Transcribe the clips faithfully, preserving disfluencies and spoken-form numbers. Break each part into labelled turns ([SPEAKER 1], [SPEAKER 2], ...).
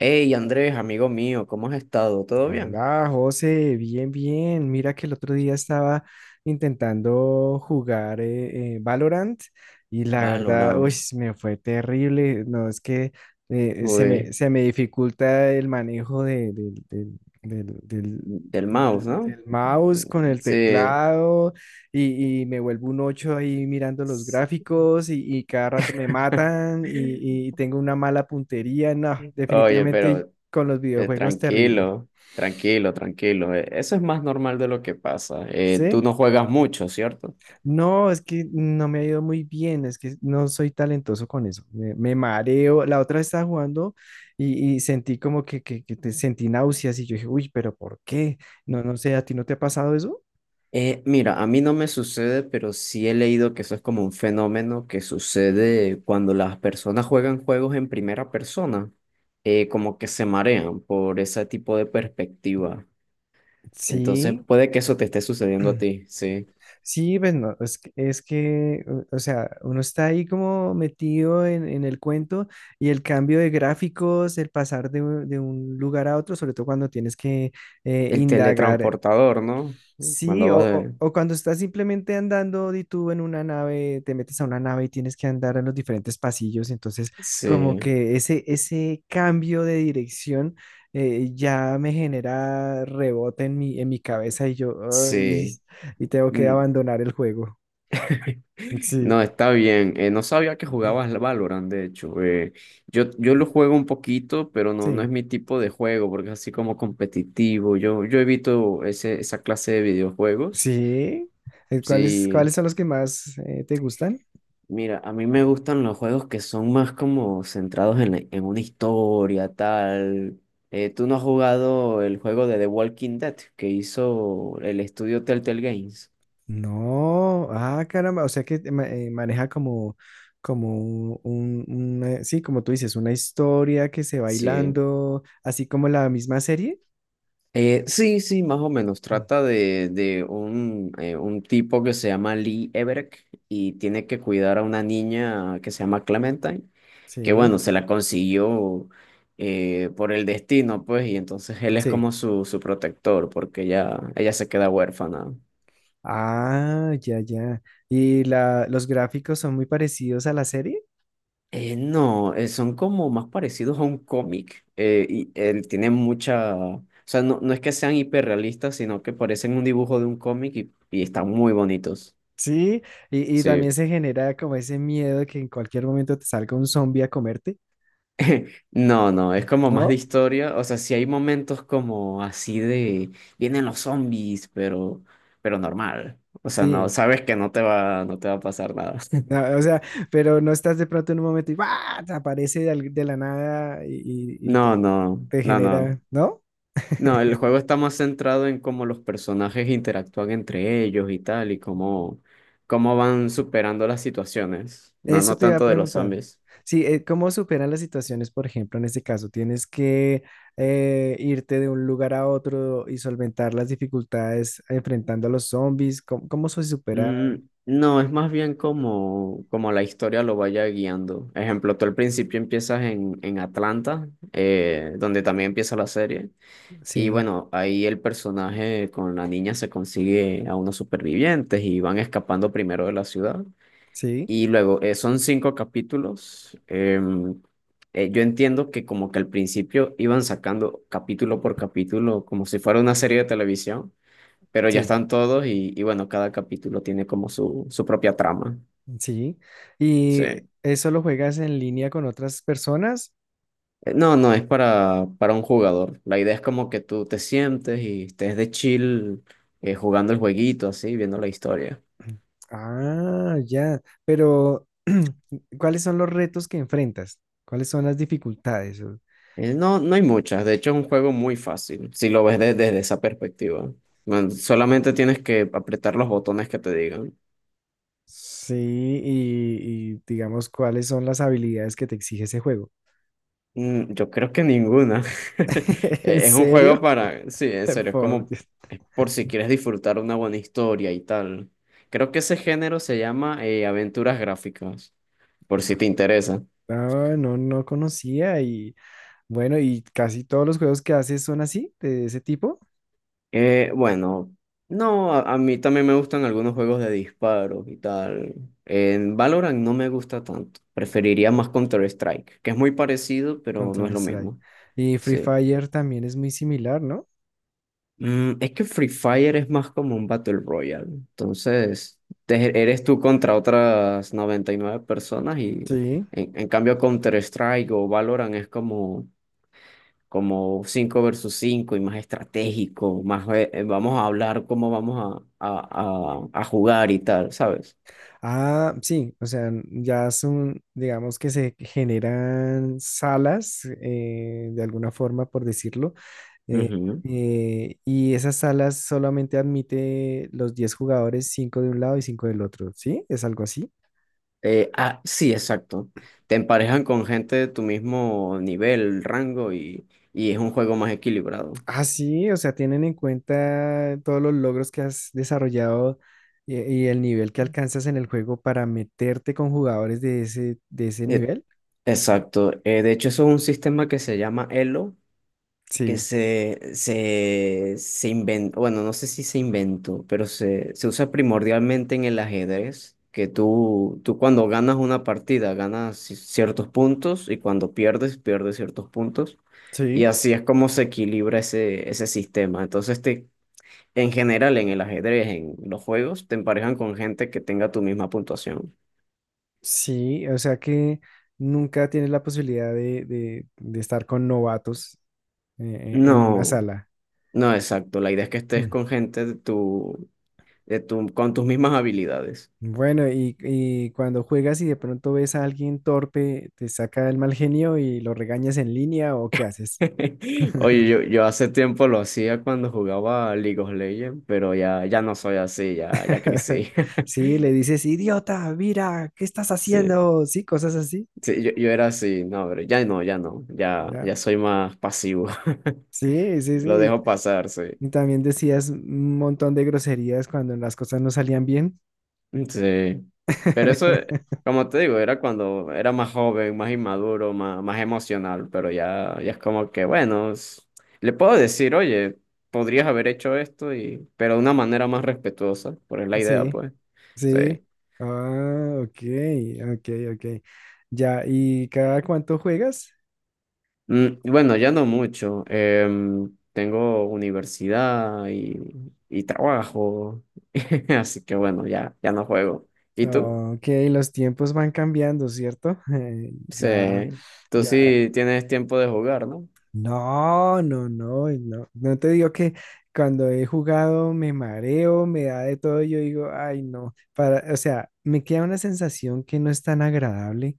[SPEAKER 1] Hey Andrés, amigo mío, ¿cómo has estado? ¿Todo bien?
[SPEAKER 2] Hola, José, bien, bien. Mira que el otro día estaba intentando jugar eh, eh, Valorant y la verdad, uy,
[SPEAKER 1] Valorant.
[SPEAKER 2] me fue terrible. No, es que eh, se me,
[SPEAKER 1] Uy,
[SPEAKER 2] se me dificulta el manejo de- del, del- del- del-
[SPEAKER 1] del mouse,
[SPEAKER 2] del-
[SPEAKER 1] ¿no?
[SPEAKER 2] del mouse con el
[SPEAKER 1] Sí.
[SPEAKER 2] teclado y, y me vuelvo un ocho ahí mirando los gráficos y, y cada rato me matan y, y tengo una mala puntería. No,
[SPEAKER 1] Oye,
[SPEAKER 2] definitivamente
[SPEAKER 1] pero
[SPEAKER 2] con los
[SPEAKER 1] eh,
[SPEAKER 2] videojuegos terrible.
[SPEAKER 1] tranquilo, tranquilo, tranquilo. eh, Eso es más normal de lo que pasa. Eh, tú
[SPEAKER 2] ¿Sí?
[SPEAKER 1] no juegas mucho, ¿cierto?
[SPEAKER 2] No, es que no me ha ido muy bien, es que no soy talentoso con eso, me, me mareo. La otra vez estaba jugando y, y sentí como que, que, que te sentí náuseas y yo dije, uy, pero ¿por qué? No, no sé, ¿a ti no te ha pasado eso?
[SPEAKER 1] Eh, mira, a mí no me sucede, pero sí he leído que eso es como un fenómeno que sucede cuando las personas juegan juegos en primera persona, eh, como que se marean por ese tipo de perspectiva. Entonces
[SPEAKER 2] Sí,
[SPEAKER 1] puede que eso te esté sucediendo a ti, sí.
[SPEAKER 2] sí, pues no, es, que, es que, o o sea, uno está ahí como metido en, en el cuento y el cambio de gráficos, el pasar de, un de un lugar a otro, sobre todo cuando tienes que eh,
[SPEAKER 1] El
[SPEAKER 2] indagar.
[SPEAKER 1] teletransportador, ¿no?
[SPEAKER 2] Sí,
[SPEAKER 1] Cuando
[SPEAKER 2] o,
[SPEAKER 1] vas
[SPEAKER 2] o-
[SPEAKER 1] de.
[SPEAKER 2] o cuando estás simplemente andando y tú en una nave, te metes a una nave y tienes que andar en los diferentes pasillos, entonces como
[SPEAKER 1] Sí,
[SPEAKER 2] que ese, ese cambio de dirección eh, ya me genera rebote en mi, en mi cabeza y yo, "Ay",
[SPEAKER 1] sí.
[SPEAKER 2] y tengo que
[SPEAKER 1] Mm.
[SPEAKER 2] abandonar el juego. Sí,
[SPEAKER 1] No, está bien. Eh, no sabía que jugabas al Valorant, de hecho. Eh, yo, yo lo juego un poquito, pero no, no es
[SPEAKER 2] sí,
[SPEAKER 1] mi tipo de juego, porque es así como competitivo. Yo, yo evito ese, esa clase de videojuegos.
[SPEAKER 2] sí. Eh, ¿Cuáles, cuáles
[SPEAKER 1] Sí,
[SPEAKER 2] son los que más eh, te gustan?
[SPEAKER 1] mira, a mí me gustan los juegos que son más como centrados en, la- en una historia, tal. Eh, ¿tú no has jugado el juego de The Walking Dead que hizo el estudio Telltale Games?
[SPEAKER 2] No, ah, caramba, o sea que te ma- eh, maneja como, como un, un- una- sí, como tú dices, una historia que se va
[SPEAKER 1] Sí.
[SPEAKER 2] hilando, así como la misma serie.
[SPEAKER 1] Eh, sí, sí, más o menos.
[SPEAKER 2] Mm.
[SPEAKER 1] Trata de, de un, eh, un tipo que se llama Lee Everett y tiene que cuidar a una niña que se llama Clementine. Que
[SPEAKER 2] Sí,
[SPEAKER 1] bueno, se la consiguió eh, por el destino, pues, y entonces él es
[SPEAKER 2] sí.
[SPEAKER 1] como su, su protector, porque ella, ella se queda huérfana.
[SPEAKER 2] Ah, ya, ya. ¿Y la, los gráficos son muy parecidos a la serie?
[SPEAKER 1] Eh, no, eh, son como más parecidos a un cómic, eh, y él tiene mucha, o sea, no, no es que sean hiperrealistas, sino que parecen un dibujo de un cómic y, y están muy bonitos,
[SPEAKER 2] Sí, y, y también
[SPEAKER 1] sí.
[SPEAKER 2] se genera como ese miedo que en cualquier momento te salga un zombie a comerte,
[SPEAKER 1] No, no, es como más de
[SPEAKER 2] ¿no?
[SPEAKER 1] historia. O sea, sí hay momentos como así de vienen los zombies, pero, pero normal. O sea, no,
[SPEAKER 2] Sí.
[SPEAKER 1] sabes que no te va, no te va a pasar nada.
[SPEAKER 2] No, o sea, pero no estás de pronto en un momento y ¡guau! Te aparece de, al- de la nada y, y- y te
[SPEAKER 1] No, no,
[SPEAKER 2] te
[SPEAKER 1] no, no.
[SPEAKER 2] genera, ¿no?
[SPEAKER 1] No, el juego está más centrado en cómo los personajes interactúan entre ellos y tal, y cómo, cómo van superando las situaciones. No,
[SPEAKER 2] Eso
[SPEAKER 1] no
[SPEAKER 2] te iba a
[SPEAKER 1] tanto de los
[SPEAKER 2] preguntar.
[SPEAKER 1] zombies.
[SPEAKER 2] Sí, eh, ¿cómo superan las situaciones, por ejemplo, en este caso? ¿Tienes que eh, irte de un lugar a otro y solventar las dificultades enfrentando a los zombies? ¿Cómo, cómo se supera?
[SPEAKER 1] Mm, no, es más bien como, como la historia lo vaya guiando. Ejemplo, tú al principio empiezas en, en Atlanta, eh, donde también empieza la serie. Y
[SPEAKER 2] Sí,
[SPEAKER 1] bueno, ahí el personaje con la niña se consigue a unos supervivientes y van escapando primero de la ciudad.
[SPEAKER 2] sí,
[SPEAKER 1] Y luego, eh, son cinco capítulos. Em, eh, yo entiendo que como que al principio iban sacando capítulo por capítulo, como si fuera una serie de televisión, pero ya
[SPEAKER 2] sí,
[SPEAKER 1] están todos y, y bueno, cada capítulo tiene como su, su propia trama.
[SPEAKER 2] sí.
[SPEAKER 1] Sí.
[SPEAKER 2] ¿Y
[SPEAKER 1] Eh,
[SPEAKER 2] eso lo juegas en línea con otras personas?
[SPEAKER 1] No, no, es para, para un jugador. La idea es como que tú te sientes y estés de chill, eh, jugando el jueguito, así, viendo la historia.
[SPEAKER 2] Ah, ya. Pero, ¿cuáles son los retos que enfrentas? ¿Cuáles son las dificultades?
[SPEAKER 1] Eh, no, no hay muchas, de hecho es un juego muy fácil, si lo ves de- desde esa perspectiva. Bueno, solamente tienes que apretar los botones que te digan.
[SPEAKER 2] Sí, y, y digamos, ¿cuáles son las habilidades que te exige ese juego?
[SPEAKER 1] Mm, Yo creo que ninguna.
[SPEAKER 2] ¿En
[SPEAKER 1] E- Es un juego
[SPEAKER 2] serio?
[SPEAKER 1] para, sí, en serio, es
[SPEAKER 2] Por
[SPEAKER 1] como,
[SPEAKER 2] Dios.
[SPEAKER 1] es por si quieres disfrutar una buena historia y tal. Creo que ese género se llama eh, aventuras gráficas, por si te interesa.
[SPEAKER 2] No, no, no conocía y bueno, y casi todos los juegos que haces son así, de ese tipo.
[SPEAKER 1] Eh, bueno, no, a, a mí también me gustan algunos juegos de disparos y tal. En Valorant no me gusta tanto, preferiría más Counter-Strike, que es muy parecido, pero no es lo
[SPEAKER 2] Counter-Strike.
[SPEAKER 1] mismo.
[SPEAKER 2] Y Free
[SPEAKER 1] Sí.
[SPEAKER 2] Fire también es muy similar, ¿no?
[SPEAKER 1] Mm, es que Free Fire es más como un Battle Royale. Entonces, te- eres tú contra otras noventa y nueve personas y
[SPEAKER 2] Sí.
[SPEAKER 1] en, en cambio Counter-Strike o Valorant es como, como, cinco versus cinco y más estratégico, más eh, eh, vamos a hablar cómo vamos a, a, a, a jugar y tal, ¿sabes?
[SPEAKER 2] Ah, sí, o sea, ya son, digamos que se generan salas, eh, de alguna forma, por decirlo. Eh,
[SPEAKER 1] Ujú.
[SPEAKER 2] eh, y esas salas solamente admite los diez jugadores, cinco de un lado y cinco del otro, ¿sí? ¿Es algo así?
[SPEAKER 1] Eh, ah, sí, exacto. Te emparejan con gente de tu mismo nivel, rango y, y es un juego más equilibrado.
[SPEAKER 2] Ah, sí, o sea, tienen en cuenta todos los logros que has desarrollado y, y el nivel que alcanzas en el juego para meterte con jugadores de ese, de ese
[SPEAKER 1] Eh,
[SPEAKER 2] nivel.
[SPEAKER 1] Exacto. Eh, de hecho, eso es un sistema que se llama Elo, que
[SPEAKER 2] Sí,
[SPEAKER 1] se, se, se inventó, bueno, no sé si se inventó, pero se, se usa primordialmente en el ajedrez, que tú, tú cuando ganas una partida ganas ci- ciertos puntos y cuando pierdes, pierdes ciertos puntos. Y
[SPEAKER 2] sí,
[SPEAKER 1] así es como se equilibra ese, ese sistema. Entonces, te, en general, en el ajedrez, en los juegos, te emparejan con gente que tenga tu misma puntuación.
[SPEAKER 2] sí, o sea que nunca tienes la posibilidad de, de- de estar con novatos eh, en una
[SPEAKER 1] No.
[SPEAKER 2] sala.
[SPEAKER 1] No, exacto. La idea es que estés con gente de tu, de tu, con tus mismas habilidades.
[SPEAKER 2] Bueno, y, y cuando juegas y de pronto ves a alguien torpe, ¿te saca el mal genio y lo regañas en línea o qué haces?
[SPEAKER 1] Oye, yo, yo hace tiempo lo hacía cuando jugaba a League of Legends, pero ya, ya no soy así, ya, ya crecí.
[SPEAKER 2] Sí, le dices, idiota, mira, ¿qué estás
[SPEAKER 1] Sí,
[SPEAKER 2] haciendo? Sí, cosas así.
[SPEAKER 1] sí, yo, yo era así, no, pero ya no, ya no, ya,
[SPEAKER 2] Ya.
[SPEAKER 1] ya soy más pasivo.
[SPEAKER 2] Sí, sí,
[SPEAKER 1] Lo
[SPEAKER 2] sí.
[SPEAKER 1] dejo pasar, sí.
[SPEAKER 2] Y también decías un montón de groserías cuando las cosas no salían bien.
[SPEAKER 1] Sí, pero eso, eh, como te digo, era cuando era más joven, más inmaduro, más, más emocional, pero ya, ya es como que, bueno, es- le puedo decir, oye, podrías haber hecho esto, y, pero de una manera más respetuosa, por es la idea,
[SPEAKER 2] Sí,
[SPEAKER 1] pues. Sí.
[SPEAKER 2] sí. Ah, ok, ok, ok. Ya, ¿y cada cuánto juegas?
[SPEAKER 1] Mm, bueno, ya no mucho. Em, tengo universidad y, y trabajo, así que bueno, ya, ya no juego. ¿Y tú?
[SPEAKER 2] Ok, los tiempos van cambiando, ¿cierto? Eh,
[SPEAKER 1] Sí,
[SPEAKER 2] ya,
[SPEAKER 1] tú
[SPEAKER 2] ya.
[SPEAKER 1] sí tienes tiempo de jugar, ¿no?
[SPEAKER 2] No, no, no, no. No te digo que cuando he jugado me mareo, me da de todo, yo digo, ay, no. Para, o sea, me queda una sensación que no es tan agradable.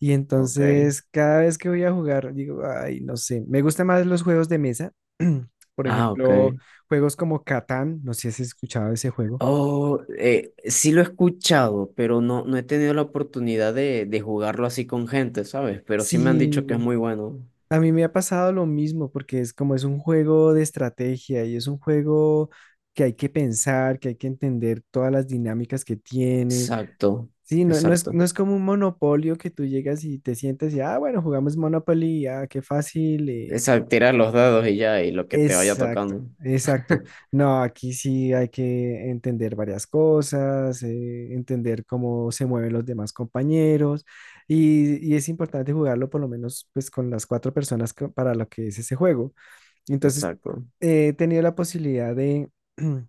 [SPEAKER 2] Y
[SPEAKER 1] Ok.
[SPEAKER 2] entonces cada vez que voy a jugar, digo, ay, no sé. Me gustan más los juegos de mesa. Por
[SPEAKER 1] Ah, ok.
[SPEAKER 2] ejemplo, juegos como Catán, no sé si has escuchado ese juego.
[SPEAKER 1] Oh, eh, sí lo he escuchado, pero no, no he tenido la oportunidad de, de jugarlo así con gente, ¿sabes? Pero sí me han dicho que es
[SPEAKER 2] Sí,
[SPEAKER 1] muy bueno.
[SPEAKER 2] a mí me ha pasado lo mismo, porque es como es un juego de estrategia y es un juego que hay que pensar, que hay que entender todas las dinámicas que tiene.
[SPEAKER 1] Exacto,
[SPEAKER 2] Sí, no, no es,
[SPEAKER 1] exacto.
[SPEAKER 2] no es como un monopolio que tú llegas y te sientas y, ah, bueno, jugamos Monopoly, ah, qué fácil, eh.
[SPEAKER 1] Exacto, tirar los dados y ya, y lo que te vaya
[SPEAKER 2] Exacto,
[SPEAKER 1] tocando.
[SPEAKER 2] exacto. No, aquí sí hay que entender varias cosas, eh, entender cómo se mueven los demás compañeros y, y es importante jugarlo por lo menos pues con las cuatro personas que- para lo que es ese juego. Entonces,
[SPEAKER 1] Exacto.
[SPEAKER 2] eh, he tenido la posibilidad de,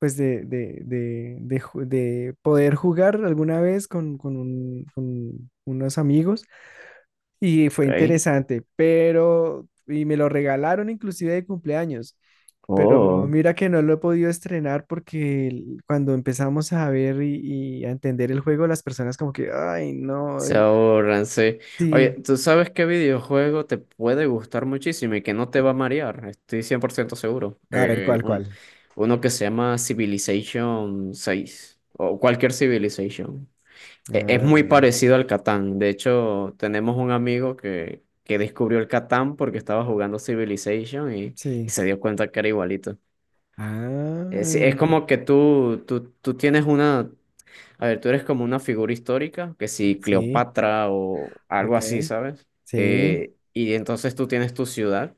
[SPEAKER 2] pues de, de, de, de ju- de poder jugar alguna vez con, con un- con unos amigos y fue
[SPEAKER 1] Ok.
[SPEAKER 2] interesante, pero, y me lo regalaron inclusive de cumpleaños, pero
[SPEAKER 1] Oh.
[SPEAKER 2] mira que no lo he podido estrenar porque el- cuando empezamos a ver y, y a entender el juego, las personas como que, ay, no,
[SPEAKER 1] Se
[SPEAKER 2] eh,
[SPEAKER 1] ahorran, sí. Oye,
[SPEAKER 2] sí.
[SPEAKER 1] ¿tú sabes qué videojuego te puede gustar muchísimo y que no te va a marear? Estoy cien por ciento seguro.
[SPEAKER 2] A ver,
[SPEAKER 1] Eh,
[SPEAKER 2] ¿cuál,
[SPEAKER 1] un-
[SPEAKER 2] cuál?
[SPEAKER 1] uno que se llama Civilization seis o cualquier Civilization. E- es muy
[SPEAKER 2] Ah,
[SPEAKER 1] parecido al Catán. De hecho, tenemos un amigo que, que descubrió el Catán porque estaba jugando Civilization y, y
[SPEAKER 2] sí.
[SPEAKER 1] se dio cuenta que era igualito. Es, es
[SPEAKER 2] Ah,
[SPEAKER 1] como que tú, tú, tú tienes una, a ver, tú eres como una figura histórica, que si
[SPEAKER 2] sí,
[SPEAKER 1] Cleopatra o algo así,
[SPEAKER 2] ok.
[SPEAKER 1] ¿sabes?
[SPEAKER 2] Sí,
[SPEAKER 1] Eh, y entonces tú tienes tu ciudad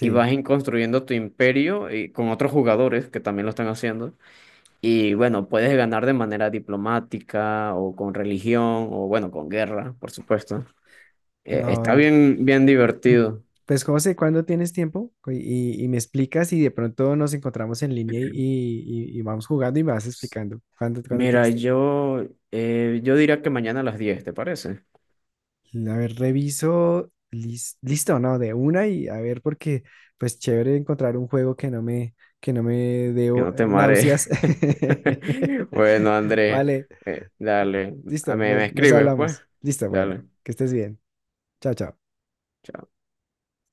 [SPEAKER 1] y vas en- construyendo tu imperio y con otros jugadores que también lo están haciendo. Y bueno, puedes ganar de manera diplomática o con religión o bueno, con guerra, por supuesto. Eh, está
[SPEAKER 2] No,
[SPEAKER 1] bien, bien divertido.
[SPEAKER 2] pues José, ¿cuándo tienes tiempo? Co- Y, y me explicas y de pronto nos encontramos en línea y, y- y vamos jugando y me vas explicando. ¿Cuándo, cuándo
[SPEAKER 1] Mira,
[SPEAKER 2] tienes tiempo?
[SPEAKER 1] yo, eh, yo diría que mañana a las diez, ¿te parece?
[SPEAKER 2] A ver, reviso. Lis- listo, ¿no? De una y a ver, porque pues chévere encontrar un juego que no me, que no me dé
[SPEAKER 1] Que
[SPEAKER 2] o-
[SPEAKER 1] no te mare.
[SPEAKER 2] náuseas.
[SPEAKER 1] Bueno, Andrés,
[SPEAKER 2] Vale,
[SPEAKER 1] eh, dale. A
[SPEAKER 2] listo,
[SPEAKER 1] mí me
[SPEAKER 2] nos, nos
[SPEAKER 1] escribes, pues.
[SPEAKER 2] hablamos. Listo, bueno,
[SPEAKER 1] Dale.
[SPEAKER 2] que estés bien. Chao, chao.
[SPEAKER 1] Chao.